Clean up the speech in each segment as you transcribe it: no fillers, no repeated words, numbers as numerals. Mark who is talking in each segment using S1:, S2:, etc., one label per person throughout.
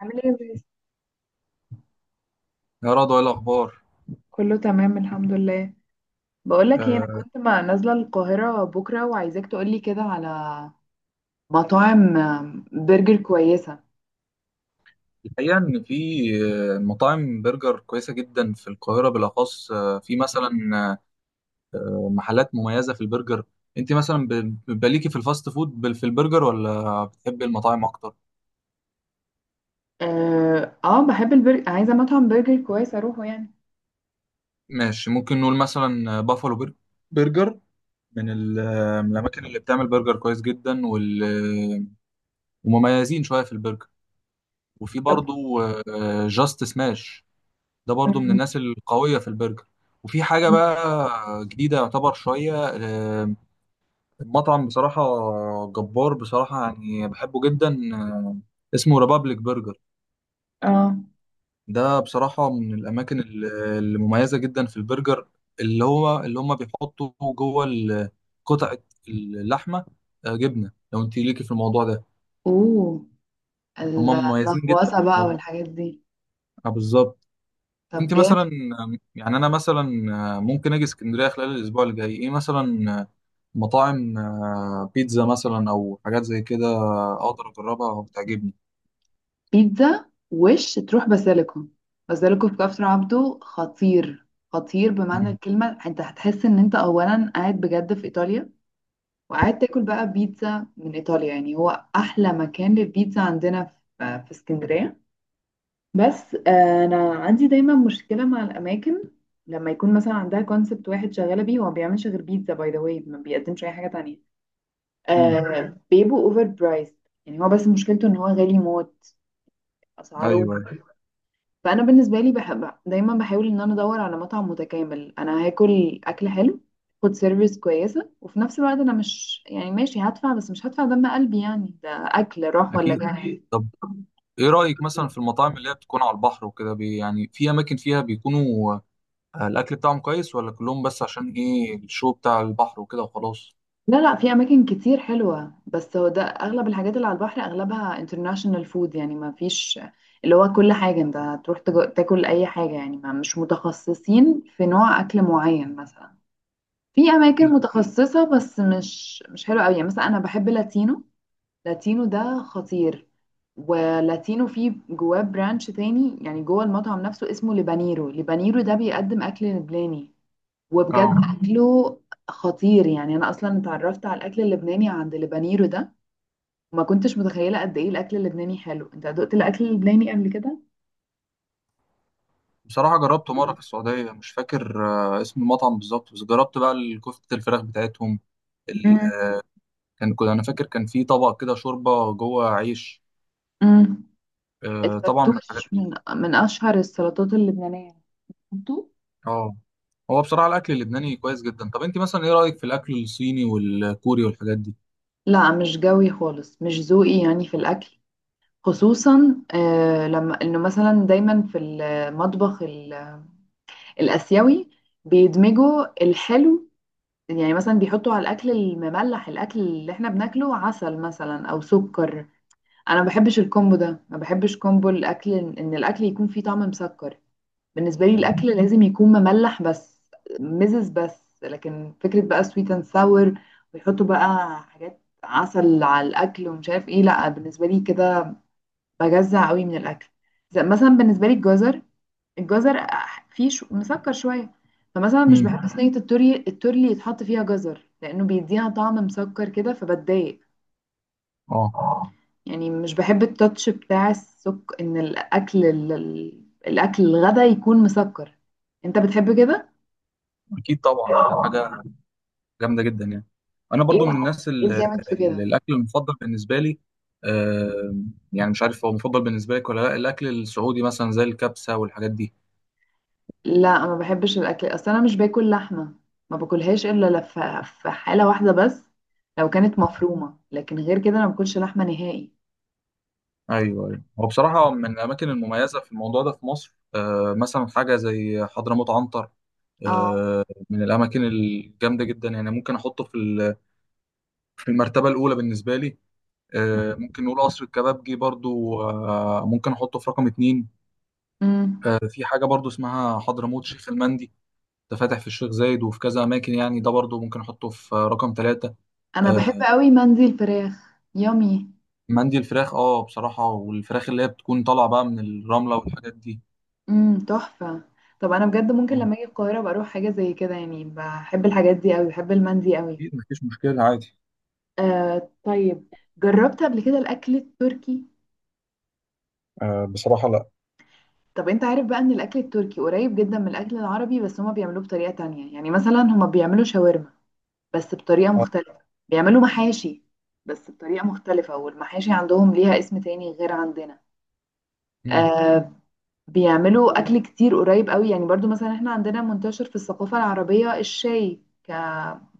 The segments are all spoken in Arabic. S1: عامل ايه يا باسم؟
S2: يا رضوى ايه الاخبار.
S1: كله تمام الحمد لله. بقولك ايه، انا
S2: آه،
S1: كنت ما نازله القاهره بكره وعايزاك تقولي كده على مطاعم برجر كويسه.
S2: الحقيقه ان في مطاعم برجر كويسه جدا في القاهره، بالاخص في مثلا محلات مميزه في البرجر. انت مثلا بيبقى ليكي في الفاست فود في البرجر، ولا بتحبي المطاعم اكتر؟
S1: بحب البرجر، عايزه مطعم برجر كويس اروحه يعني.
S2: ماشي، ممكن نقول مثلا برجر، من ال- آه، من الاماكن اللي بتعمل برجر كويس جدا. آه، ومميزين شويه في البرجر. وفي
S1: طب.
S2: برضو جاست سماش، ده برضو من
S1: مم،
S2: الناس القوية في البرجر. وفي حاجة بقى جديدة يعتبر شوية، المطعم بصراحة جبار بصراحة، يعني بحبه جدا. آه، اسمه ريبابليك برجر،
S1: اه.
S2: ده بصراحة من المميزة جدا في البرجر. اللي هم بيحطوا قطعة اللحمة جبنة، لو انت ليكي في الموضوع ده.
S1: اوه،
S2: هم مميزين جدا
S1: اللهوسه
S2: في
S1: بقى
S2: الموضوع
S1: والحاجات دي.
S2: ده، بالظبط.
S1: طب
S2: انت
S1: جامد.
S2: مثلا، يعني انا مثلا ممكن اجي اسكندريه خلال الاسبوع اللي جاي. ايه مثلا مطاعم بيتزا مثلا، او حاجات زي كده، اقدر اجربها وتعجبني؟
S1: بيتزا وش تروح باسيليكو. باسيليكو في كفر عبده خطير. خطير بمعنى
S2: مم.
S1: الكلمه، انت هتحس ان انت اولا قاعد بجد في ايطاليا، وقعدت اكل بقى بيتزا من ايطاليا يعني. هو احلى مكان للبيتزا عندنا في اسكندريه. بس انا عندي دايما مشكله مع الاماكن، لما يكون مثلا عندها كونسبت واحد شغاله بيه، هو ما بيعملش غير بيتزا، باي ذا واي ما بيقدمش اي حاجه تانية.
S2: مم.
S1: آه، بيبقوا اوفر برايس. يعني هو بس مشكلته ان هو غالي موت
S2: ايوه،
S1: اسعاره.
S2: أيوة،
S1: فانا بالنسبه لي بحب دايما، بحاول ان انا ادور على مطعم متكامل، انا هاكل اكل حلو، فود سيرفيس كويسه، وفي نفس الوقت انا مش يعني ماشي هدفع بس مش هدفع دم قلبي، يعني ده اكل راح ولا
S2: اكيد.
S1: جاي.
S2: طب ايه رايك مثلا في المطاعم اللي هي بتكون على البحر وكده؟ بي يعني في اماكن فيها بيكونوا الاكل بتاعهم كويس، ولا كلهم بس عشان ايه الشو بتاع البحر وكده وخلاص؟
S1: لا لا، في اماكن كتير حلوه، بس هو ده اغلب الحاجات اللي على البحر اغلبها انترناشونال فود، يعني ما فيش اللي هو كل حاجه. انت هتروح تاكل اي حاجه يعني، ما مش متخصصين في نوع اكل معين. مثلا في اماكن
S2: اكيد.
S1: متخصصه بس مش حلوه قوي. يعني مثلا انا بحب لاتينو، لاتينو ده خطير. ولاتينو فيه جواه برانش تاني يعني جوه المطعم نفسه اسمه لبانيرو، لبانيرو ده بيقدم أكل لبناني، وبجد
S2: اه،
S1: أكله خطير. يعني أنا أصلا اتعرفت على الأكل اللبناني عند لبانيرو ده، وما كنتش متخيلة قد إيه الأكل اللبناني حلو. أنت دقت الأكل اللبناني قبل كده؟
S2: بصراحه جربته مره في السعوديه، مش فاكر اسم المطعم بالظبط، بس جربت بقى الكفته الفراخ بتاعتهم. ال...
S1: مم.
S2: كان، كنت فاكر كان في طبق كده شوربه جوه عيش.
S1: مم.
S2: طبعا من الحاجات.
S1: الفتوش من من أشهر السلطات اللبنانية. انتوا؟
S2: اه، هو بصراحة الأكل اللبناني كويس جدا. طب أنت مثلا إيه رأيك في الأكل الصيني والكوري والحاجات دي؟
S1: لا، مش جوي خالص، مش ذوقي يعني في الأكل. خصوصا لما انه مثلا دايما في المطبخ الاسيوي بيدمجوا الحلو، يعني مثلا بيحطوا على الاكل المملح، الاكل اللي احنا بناكله، عسل مثلا او سكر. انا ما بحبش الكومبو ده، ما بحبش كومبو الاكل، ان الاكل يكون فيه طعم مسكر. بالنسبه لي
S2: مم.
S1: الاكل لازم يكون مملح بس، مزز بس. لكن فكره بقى سويت اند ساور، ويحطوا بقى حاجات عسل على الاكل ومش عارف ايه، لا بالنسبه لي كده بجزع قوي من الاكل. زي مثلا بالنسبه لي الجزر، الجزر فيه شو مسكر شويه، فمثلا مش
S2: امم.
S1: بحب صينيه التوري التورلي يتحط فيها جزر، لانه بيديها طعم مسكر كده فبتضايق.
S2: اه،
S1: يعني مش بحب التاتش بتاع السك، ان الاكل الاكل الغدا يكون مسكر. انت بتحب كده؟
S2: أكيد طبعا، ده حاجة جامدة جدا يعني. أنا
S1: ايه؟
S2: برضو من الناس
S1: ايه
S2: اللي
S1: الجامد في كده؟
S2: الأكل المفضل بالنسبة لي، آه، يعني مش عارف هو مفضل بالنسبة لك ولا لا، الأكل السعودي مثلا زي الكبسة والحاجات دي.
S1: لا، ما بحبش الاكل، اصل انا مش باكل لحمه، ما باكلهاش الا في حاله واحده بس، لو كانت مفرومه، لكن غير كده انا ما باكلش لحمه نهائي.
S2: أيوه، أيوه. هو بصراحة من الأماكن المميزة في الموضوع ده في مصر، آه، مثلا حاجة زي حضرموت عنتر،
S1: اه.
S2: آه، من الأماكن الجامدة جدا يعني. ممكن في المرتبة الأولى بالنسبة لي. ممكن نقول قصر الكبابجي برضو، ممكن احطه في رقم 2.
S1: امم.
S2: في حاجة برضو اسمها حضرموت شيخ المندي، ده فاتح في الشيخ زايد وفي كذا أماكن يعني، ده برضو ممكن أحطه في رقم 3.
S1: انا بحب
S2: آه،
S1: قوي مندي الفراخ، يامي.
S2: مندي الفراخ اه، بصراحة، والفراخ اللي هي بتكون طالعة بقى من الرملة والحاجات دي.
S1: امم، تحفه. طب انا بجد ممكن
S2: اه،
S1: لما اجي القاهره ابقى اروح حاجه زي كده يعني، بحب الحاجات دي قوي، بحب المندي قوي.
S2: أكيد مفيش مشكلة عادي.
S1: آه طيب. جربت قبل كده الاكل التركي؟
S2: بصراحة لا.
S1: طب انت عارف بقى ان الاكل التركي قريب جدا من الاكل العربي، بس هما بيعملوه بطريقه تانية. يعني مثلا هما بيعملوا شاورما بس بطريقه
S2: آه،
S1: مختلفه، بيعملوا محاشي بس بطريقه مختلفه، والمحاشي عندهم ليها اسم تاني غير عندنا.
S2: مم.
S1: آه، بيعملوا اكل كتير قريب قوي. يعني برضو مثلا احنا عندنا منتشر في الثقافة العربية الشاي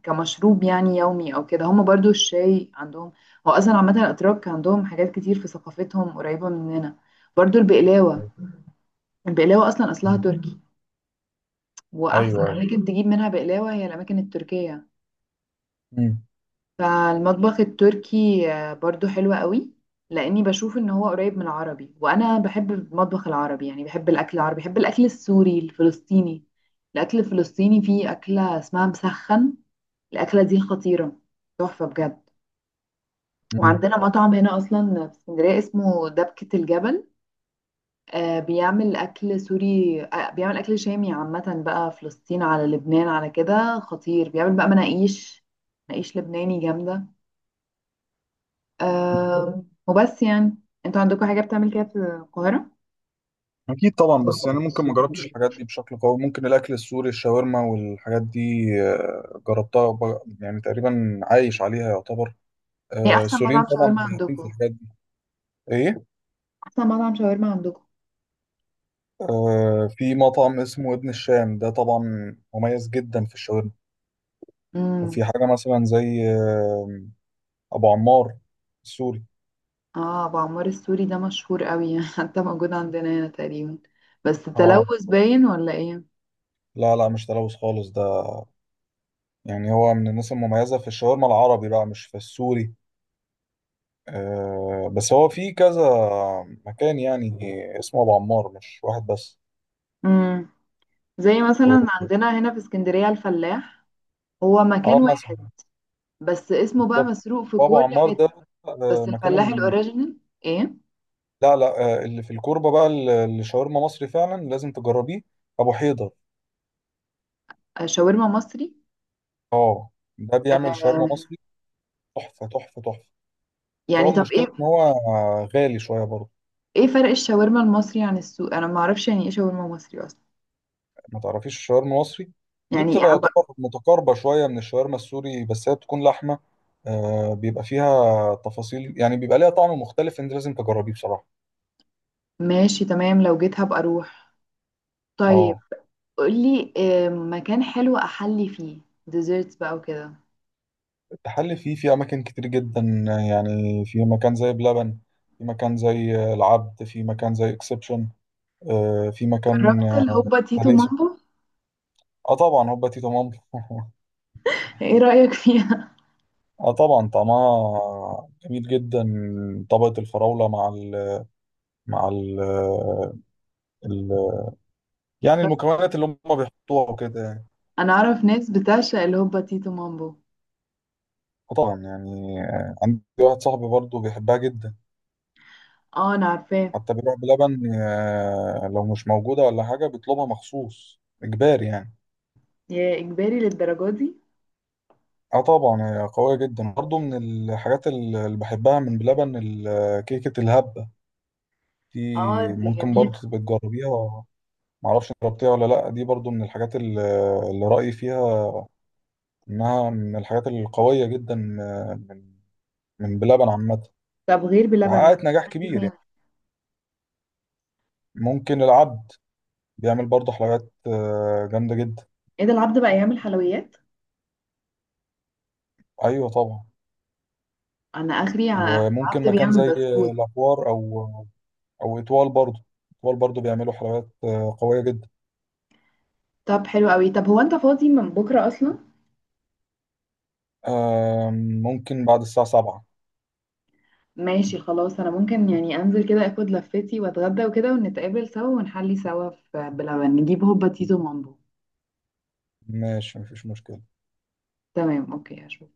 S1: كمشروب يعني يومي او كده، هم برضو الشاي عندهم. هو اصلا عامة الاتراك عندهم حاجات كتير في ثقافتهم قريبة مننا. برضو البقلاوة، البقلاوة اصلا اصلها تركي،
S2: أيوه،
S1: واحسن
S2: أيوه.
S1: اماكن تجيب منها بقلاوة هي الاماكن التركية.
S2: مم.
S1: فالمطبخ التركي برضو حلو قوي، لاني بشوف ان هو قريب من العربي، وانا بحب المطبخ العربي، يعني بحب الاكل العربي، بحب الاكل السوري الفلسطيني. الاكل الفلسطيني فيه اكله اسمها مسخن، الاكله دي خطيره، تحفه بجد.
S2: مم.
S1: وعندنا مطعم هنا اصلا في اسكندريه اسمه دبكه الجبل، آه بيعمل اكل سوري، آه بيعمل اكل شامي عامه بقى، فلسطين على لبنان على كده، خطير. بيعمل بقى مناقيش، مناقيش لبناني جامده. أه وبس يعني. انتوا عندكم حاجة بتعمل كده في القاهرة؟
S2: اكيد طبعا، بس يعني ممكن ما جربتش الحاجات دي بشكل قوي. ممكن الاكل السوري، الشاورما والحاجات دي جربتها يعني تقريبا عايش عليها يعتبر.
S1: ايه احسن
S2: السوريين
S1: مطعم
S2: طبعا
S1: شاورما
S2: مميزين في
S1: عندكم؟
S2: الحاجات دي. ايه؟
S1: احسن مطعم شاورما عندكم.
S2: في مطعم اسمه ابن الشام، ده طبعا مميز جدا في الشاورما.
S1: امم.
S2: وفي حاجه مثلا زي ابو عمار السوري.
S1: اه، ابو عمار السوري ده مشهور قوي حتى موجود عندنا هنا تقريبا، بس
S2: اه،
S1: التلوث باين ولا ايه؟
S2: لا لا، مش تلوث خالص ده، يعني هو من الناس المميزه في الشاورما العربي بقى، مش في السوري. بس هو في كذا مكان يعني، اسمه ابو عمار، مش واحد بس.
S1: امم. زي
S2: و-
S1: مثلا عندنا هنا في اسكندرية الفلاح، هو
S2: اه
S1: مكان
S2: مثلا،
S1: واحد بس اسمه بقى
S2: بالظبط.
S1: مسروق في
S2: وابو
S1: كل
S2: عمار ده
S1: حتة.
S2: آه،
S1: بس
S2: مكانه
S1: الفلاح
S2: الم-
S1: الاوريجينال. ايه؟
S2: لا لا، اللي في الكوربه بقى، اللي شاورما مصري، فعلا لازم تجربيه. ابو حيدر
S1: شاورما مصري.
S2: اه، ده بيعمل شاورما
S1: آه.
S2: مصري، تحفه تحفه تحفه. بس هو
S1: يعني طب
S2: المشكله
S1: ايه؟
S2: ان هو غالي شويه برضه.
S1: ايه فرق الشاورما المصري عن السوق، انا ما اعرفش يعني ايه شاورما مصري اصلا.
S2: ما تعرفيش الشاورما المصري؟ دي
S1: يعني إيه
S2: بتبقى
S1: أبقى-؟
S2: يعتبر متقاربة شوية من الشاورما السوري، بس هي بتكون لحمة. آه، بيبقى فيها تفاصيل يعني، بيبقى ليها طعم مختلف، انت لازم تجربيه بصراحة.
S1: ماشي تمام، لو جيت هبقى اروح. طيب
S2: اه،
S1: قولي مكان حلو احلي فيه، ديزرتس بقى وكده.
S2: التحلي فيه في اماكن كتير جدا يعني، في مكان زي بلبن، في مكان زي العبد، في مكان زي اكسبشن، آه في مكان
S1: جربت
S2: آه
S1: الهوبا تيتو
S2: تحلية سك-
S1: مامبو؟
S2: اه طبعا هوبا تيتو مامبو
S1: ايه رأيك فيها؟
S2: اه طبعا طعمها جميل جدا. طبقة الفراولة مع ال مع ال يعني المكونات اللي هم بيحطوها وكده يعني.
S1: انا اعرف ناس بتعشق الهوبا تيتو مامبو.
S2: وطبعا يعني عندي واحد صاحبي برضه بيحبها جدا،
S1: اه انا عارفاه.
S2: حتى بيروح بلبن لو مش موجودة ولا حاجة بيطلبها مخصوص، إجباري يعني.
S1: يا اجباري للدرجه دي؟
S2: اه طبعا هي قوية جدا برضه. من الحاجات اللي بحبها من بلبن كيكة الهبة دي،
S1: اه دي
S2: ممكن
S1: جميله.
S2: برضه تبقى تجربيها، معرفش جربتيها ولا لأ. دي برضه من الحاجات اللي رأيي فيها إنها من الحاجات القوية جدا، من بلبن عامة،
S1: طب غير بلبن ممكن
S2: وحققت نجاح
S1: احلي
S2: كبير
S1: فين؟
S2: يعني. ممكن العد بيعمل برضه حلقات جامدة جدا.
S1: ايه ده، العبد بقى يعمل حلويات؟
S2: أيوة طبعا.
S1: انا اخري
S2: وممكن
S1: العبد
S2: مكان
S1: بيعمل
S2: زي
S1: بسكوت.
S2: الأحوار أو أو إطوال برضه، إطوال برضه بيعملوا حلقات قوية جدا.
S1: طب حلو قوي. طب هو انت فاضي من بكرة اصلا؟
S2: آم، ممكن بعد الساعة 7.
S1: ماشي خلاص، انا ممكن يعني انزل كده اخد لفتي واتغدى وكده، ونتقابل سوا ونحلي سوا في بلبن، نجيب هوبا تيتو مامبو.
S2: ماشي مفيش مشكلة.
S1: تمام، اوكي، هشوف.